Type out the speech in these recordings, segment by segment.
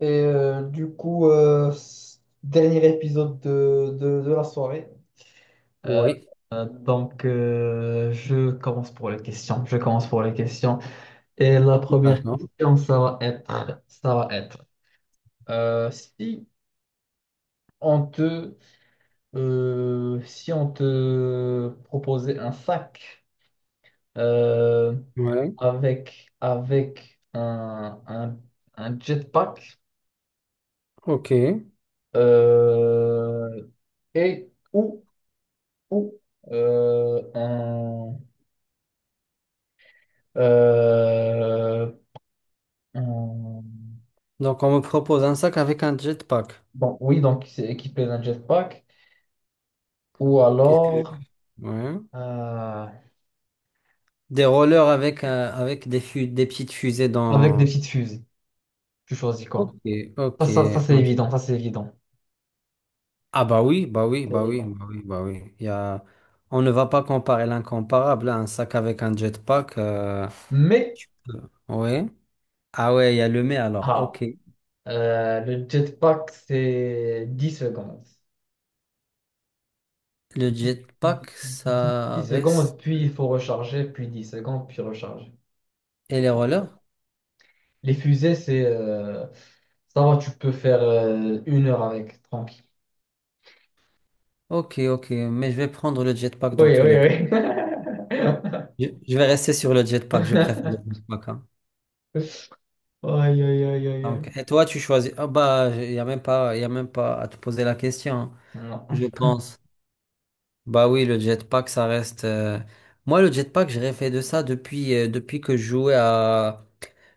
Du coup, dernier épisode de la soirée. Euh, Oui. Donc, je commence pour les questions. Je commence pour les questions. Et la première D'accord. question, ça va être si on si on te proposait un sac euh, Ouais. avec, avec un jetpack Ok. euh, et ou euh, un, euh, un- Donc on me propose un sac avec un jetpack. Bon, oui, donc c'est équipé d'un jetpack, ou Qu'est-ce que... alors Ouais. euh, Des rollers avec, avec des, des petites fusées avec des dans... petites fusées. Tu choisis Ok, quoi? ok. Ça, c'est évident, ça c'est évident. Ah bah oui, bah oui, C'est bah oui, évident. bah oui, bah oui. Il y a... On ne va pas comparer l'incomparable, hein. Un sac avec un jetpack. Mais, Tu peux- Ouais. Ah ouais, il y a le mais alors. Ok. ah, le jetpack, c'est 10 secondes. Le Dix jetpack, 10 10 ça secondes, reste... puis il faut recharger, puis dix secondes, puis recharger. Et les rollers? Les fusées, c'est, ça va, tu peux faire une heure avec, tranquille. Ok, ok. Mais je vais prendre le jetpack Oui, dans tous les cas. oui, oui. Je vais rester sur le jetpack, je préfère le jetpack, hein. Aïe, aïe, aïe, aïe, Donc, aïe. et toi, tu choisis. Ah bah, il n'y a même pas, il a même pas à te poser la question, hein, Non. je pense. Bah oui, le jetpack, ça reste. Moi, le jetpack, j'ai rêvé de ça depuis, depuis que je jouais à.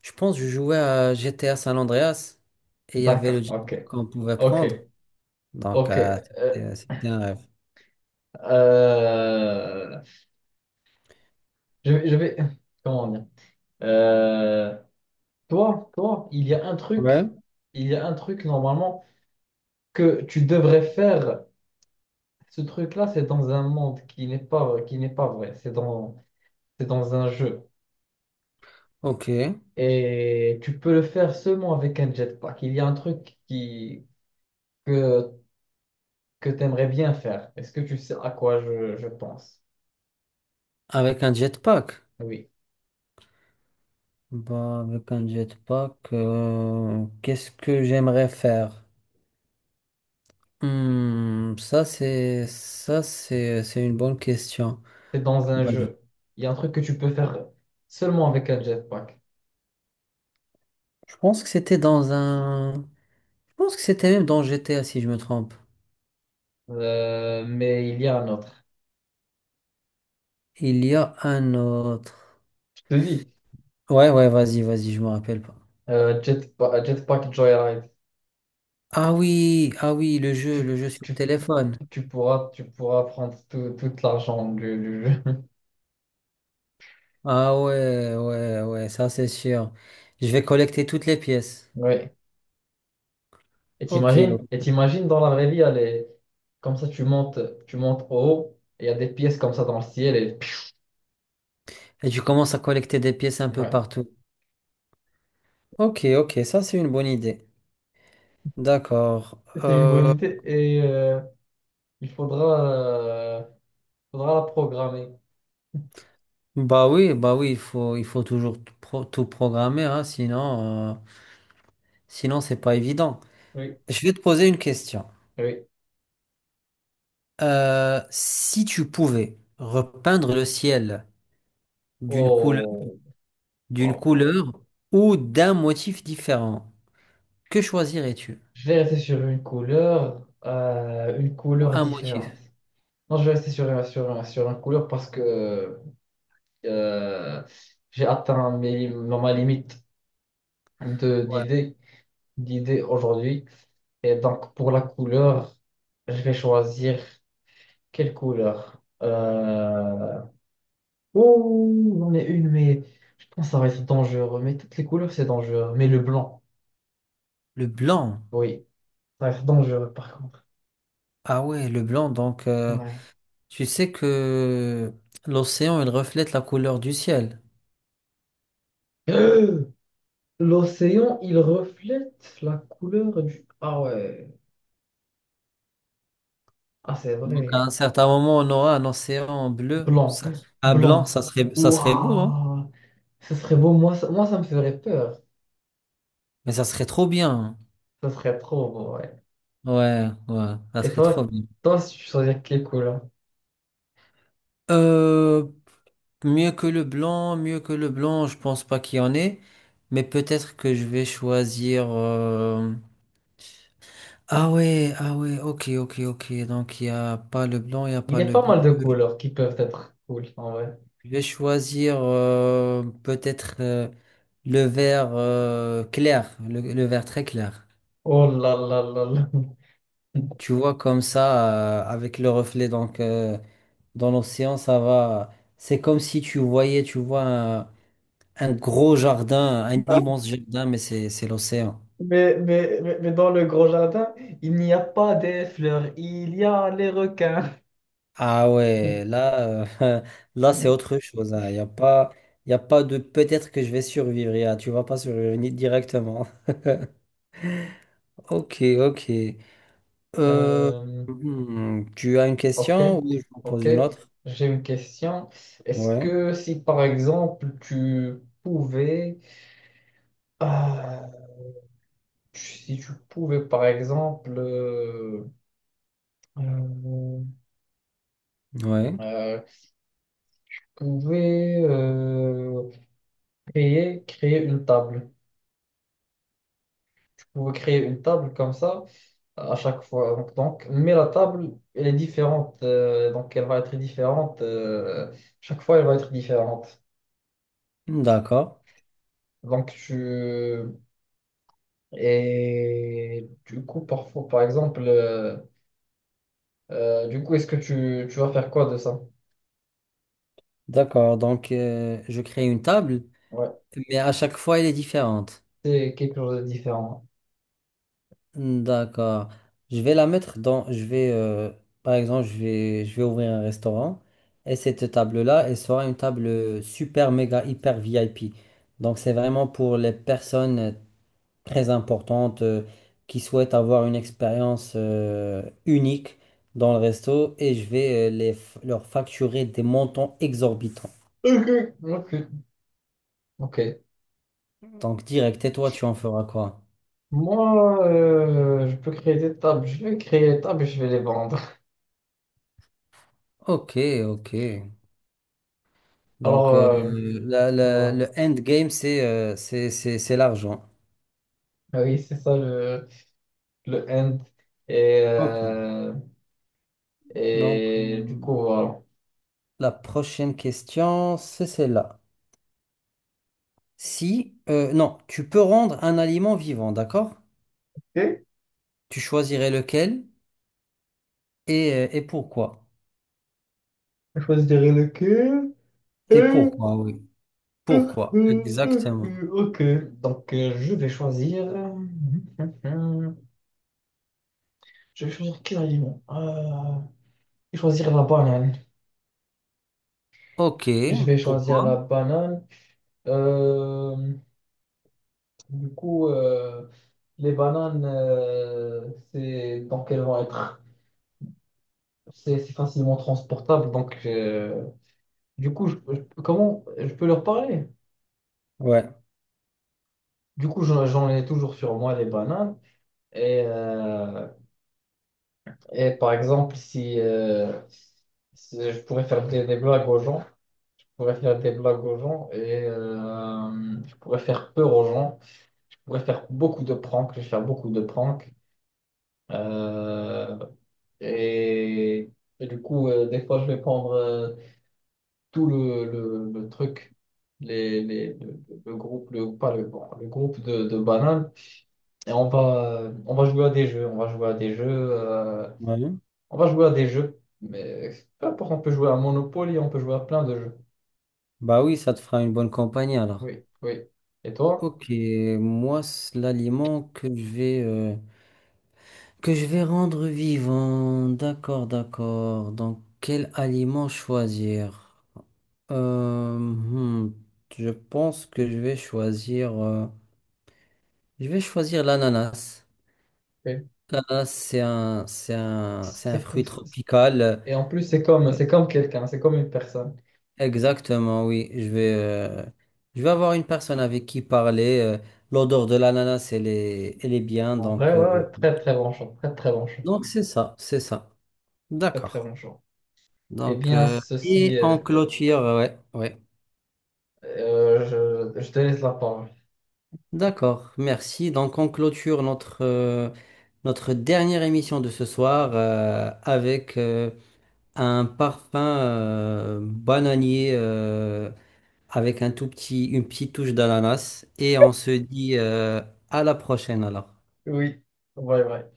Je pense que je jouais à GTA San Andreas et il y avait D'accord, le ok, jetpack qu'on pouvait ok, prendre. Donc, ok. C'était c'était un rêve. euh, je, vais, je vais- comment dire? Euh, toi, il y a un Ouais. truc, il y a un truc normalement que tu devrais faire. Ce truc-là, c'est dans un monde qui n'est pas vrai. C'est dans un jeu. Ok. Et tu peux le faire seulement avec un jetpack. Il y a un truc que que tu aimerais bien faire. Est-ce que tu sais à quoi je pense? Avec un jetpack. Oui. Bah, avec un jetpack, qu'est-ce que j'aimerais faire? Ça c'est c'est une bonne question. C'est dans un Moi, Je jeu. Il y a un truc que tu peux faire seulement avec un jetpack. je pense que c'était dans un je pense que c'était même dans GTA si je me trompe. Mais il y a un autre. Il y a un autre. Je te dis, Ouais, vas-y, je me rappelle pas. Jetpack Joyride. Ah oui, ah oui, Tu, le jeu sur tu, téléphone. Tu pourras prendre tout l'argent du jeu. Ah ouais, ouais, ouais, ça c'est sûr. Je vais collecter toutes les pièces. Oui. OK, ok. Et t'imagines dans la vraie vie, comme ça, tu montes en haut, et il y a des pièces comme ça dans le ciel. Et... Et tu commences à collecter des pièces un peu Ouais. partout. Ok, ok, ça c'est une bonne idée. D'accord. C'est une bonne idée. Et il faudra. Euh, Faudra la programmer. Bah oui, il faut toujours tout, tout programmer, hein, sinon, sinon c'est pas évident. Oui, Je vais te poser une question. oui. Si tu pouvais repeindre le ciel d'une couleur, Oh, wow, d'une wow, wow. couleur ou d'un motif différent, que choisirais-tu? Je vais rester sur une Ou couleur un différente. motif? Non, je vais rester sur une couleur parce que euh, j'ai atteint ma limite Ouais. d'idées, d'idées aujourd'hui. Et donc, pour la couleur, je vais choisir quelle couleur? Oh, j'en ai une, mais je pense que ça va être dangereux. Mais toutes les couleurs, c'est dangereux. Mais le blanc, Le blanc. oui. Ça reste dangereux, par contre. Ah ouais, le blanc. Donc, Ouais. tu sais que l'océan, il reflète la couleur du ciel. Euh, L'océan, il reflète la couleur du... Ah ouais, ah c'est Donc, à vrai. un certain moment, on aura un océan bleu, Blanc, ça- à blanc, blanc. Ça serait beau, hein. Waouh, ce serait beau. Moi, ça me ferait peur. Mais ça serait trop bien, hein. Ce serait trop beau, ouais. Ouais, ouais, ça Et serait trop toi, bien. toi, si tu choisis quelle couleur? Euh, Mieux que le blanc, mieux que le blanc, je pense pas qu'il y en ait. Mais peut-être que je vais choisir. Ah ouais, ah ouais, ok, ok, ok. Donc, il y a pas le blanc, il y a Il y pas a le pas bleu. mal de couleurs qui peuvent être cool, en vrai. Je vais choisir peut-être le vert clair, le vert très clair. Oh là là là là. Tu vois comme ça, avec le reflet donc, dans l'océan, ça va. C'est comme si tu voyais, tu vois, un gros jardin, un immense jardin, mais c'est l'océan. Mais, mais dans le grand jardin, il n'y a pas des fleurs, il y a les requins. Ah ouais, là, là c'est autre chose. Il n'y a pas, y a pas de peut-être que je vais survivre. Y a- tu vas pas survivre ni- directement. Ok, ok. Euh, Euh, tu as une Ok, question ou je t'en pose ok. une autre? J'ai une question. Est-ce Ouais, que si par exemple tu pouvais, ah, tu- si tu pouvais par exemple, euh, ouais. euh, tu pouvais créer une table, tu pouvais créer une table comme ça à chaque fois. Donc, mais la table, elle est différente, donc elle va être différente chaque fois, elle va être différente. D'accord, Donc tu Et du coup, parfois, par exemple, du coup, est-ce que tu vas faire quoi de ça? d'accord. Donc, je crée une table. Ouais, Mais à chaque fois, elle est différente. c'est quelque chose de différent. D'accord. Je vais la mettre dans. Je vais, par exemple, je vais ouvrir un restaurant et cette table-là, elle sera une table super, méga, hyper VIP. Donc, c'est vraiment pour les personnes très importantes qui souhaitent avoir une expérience unique dans le resto et je vais les, leur facturer des montants exorbitants. Ok, ok, ok. Donc, direct, et toi, tu en feras quoi? Moi, je peux créer des tables. Je vais créer des tables et je vais les vendre. Ok, ok. Alors, Donc, voilà. le endgame, c'est c'est l'argent. Ah oui, c'est ça le end. Et, Ok. euh, Donc, et du coup, voilà. la prochaine question, c'est celle-là. Si, non, tu peux rendre un aliment vivant, d'accord? Ok, Tu choisirais lequel et pourquoi? je choisirai lequel. Et pourquoi, oui. Pourquoi? Exactement. Ok, donc euh, Je vais choisir quel aliment? Je vais choisir la banane. Ok, Je vais choisir pourquoi? la banane. Euh, du coup, les bananes, c'est donc elles vont être, c'est facilement transportable. Donc, du coup, comment je peux leur parler? Ouais. Du coup, j'en ai toujours sur moi les bananes et et par exemple, si je pourrais faire des blagues aux gens, je pourrais faire des blagues aux gens et je pourrais faire peur aux gens, je pourrais faire beaucoup de pranks, je vais faire beaucoup de pranks. Euh, et, et du coup, des fois, je vais prendre tout le truc, les, le groupe, le, pas le, bon, le groupe de bananes, on va jouer à des jeux, on va jouer à des jeux. euh, Ouais. On va jouer à des jeux, mais peu importe, on peut jouer à Monopoly, on peut jouer à plein de jeux. Bah oui, ça te fera une bonne compagnie alors. Oui, oui. Et toi? Ok, moi, c'est l'aliment que je vais... que je vais rendre vivant. D'accord, d'accord. Donc, quel aliment choisir? Euh, hmm, je pense que je vais choisir. Je vais choisir l'ananas. Oui. L'ananas, c'est un, c'est un, c'est un C'est comme- fruit c'est- tropical. Et en plus, Euh, c'est comme quelqu'un, c'est comme une personne. Exactement, oui. Je vais avoir une personne avec qui parler. L'odeur de l'ananas, elle est bien. En vrai, ouais, ouais, très très bon choix, très très bon choix, Donc c'est ça, c'est ça. très très D'accord. bon choix. Eh Donc, bien, ceci, et en euh, clôture, ouais, ouais. euh, je te laisse la parole. D'accord, merci. Donc on clôture notre, notre dernière émission de ce soir avec un parfum bananier avec un tout petit, une petite touche d'ananas. Et on se dit à la prochaine alors. Oui, ouais, ouais.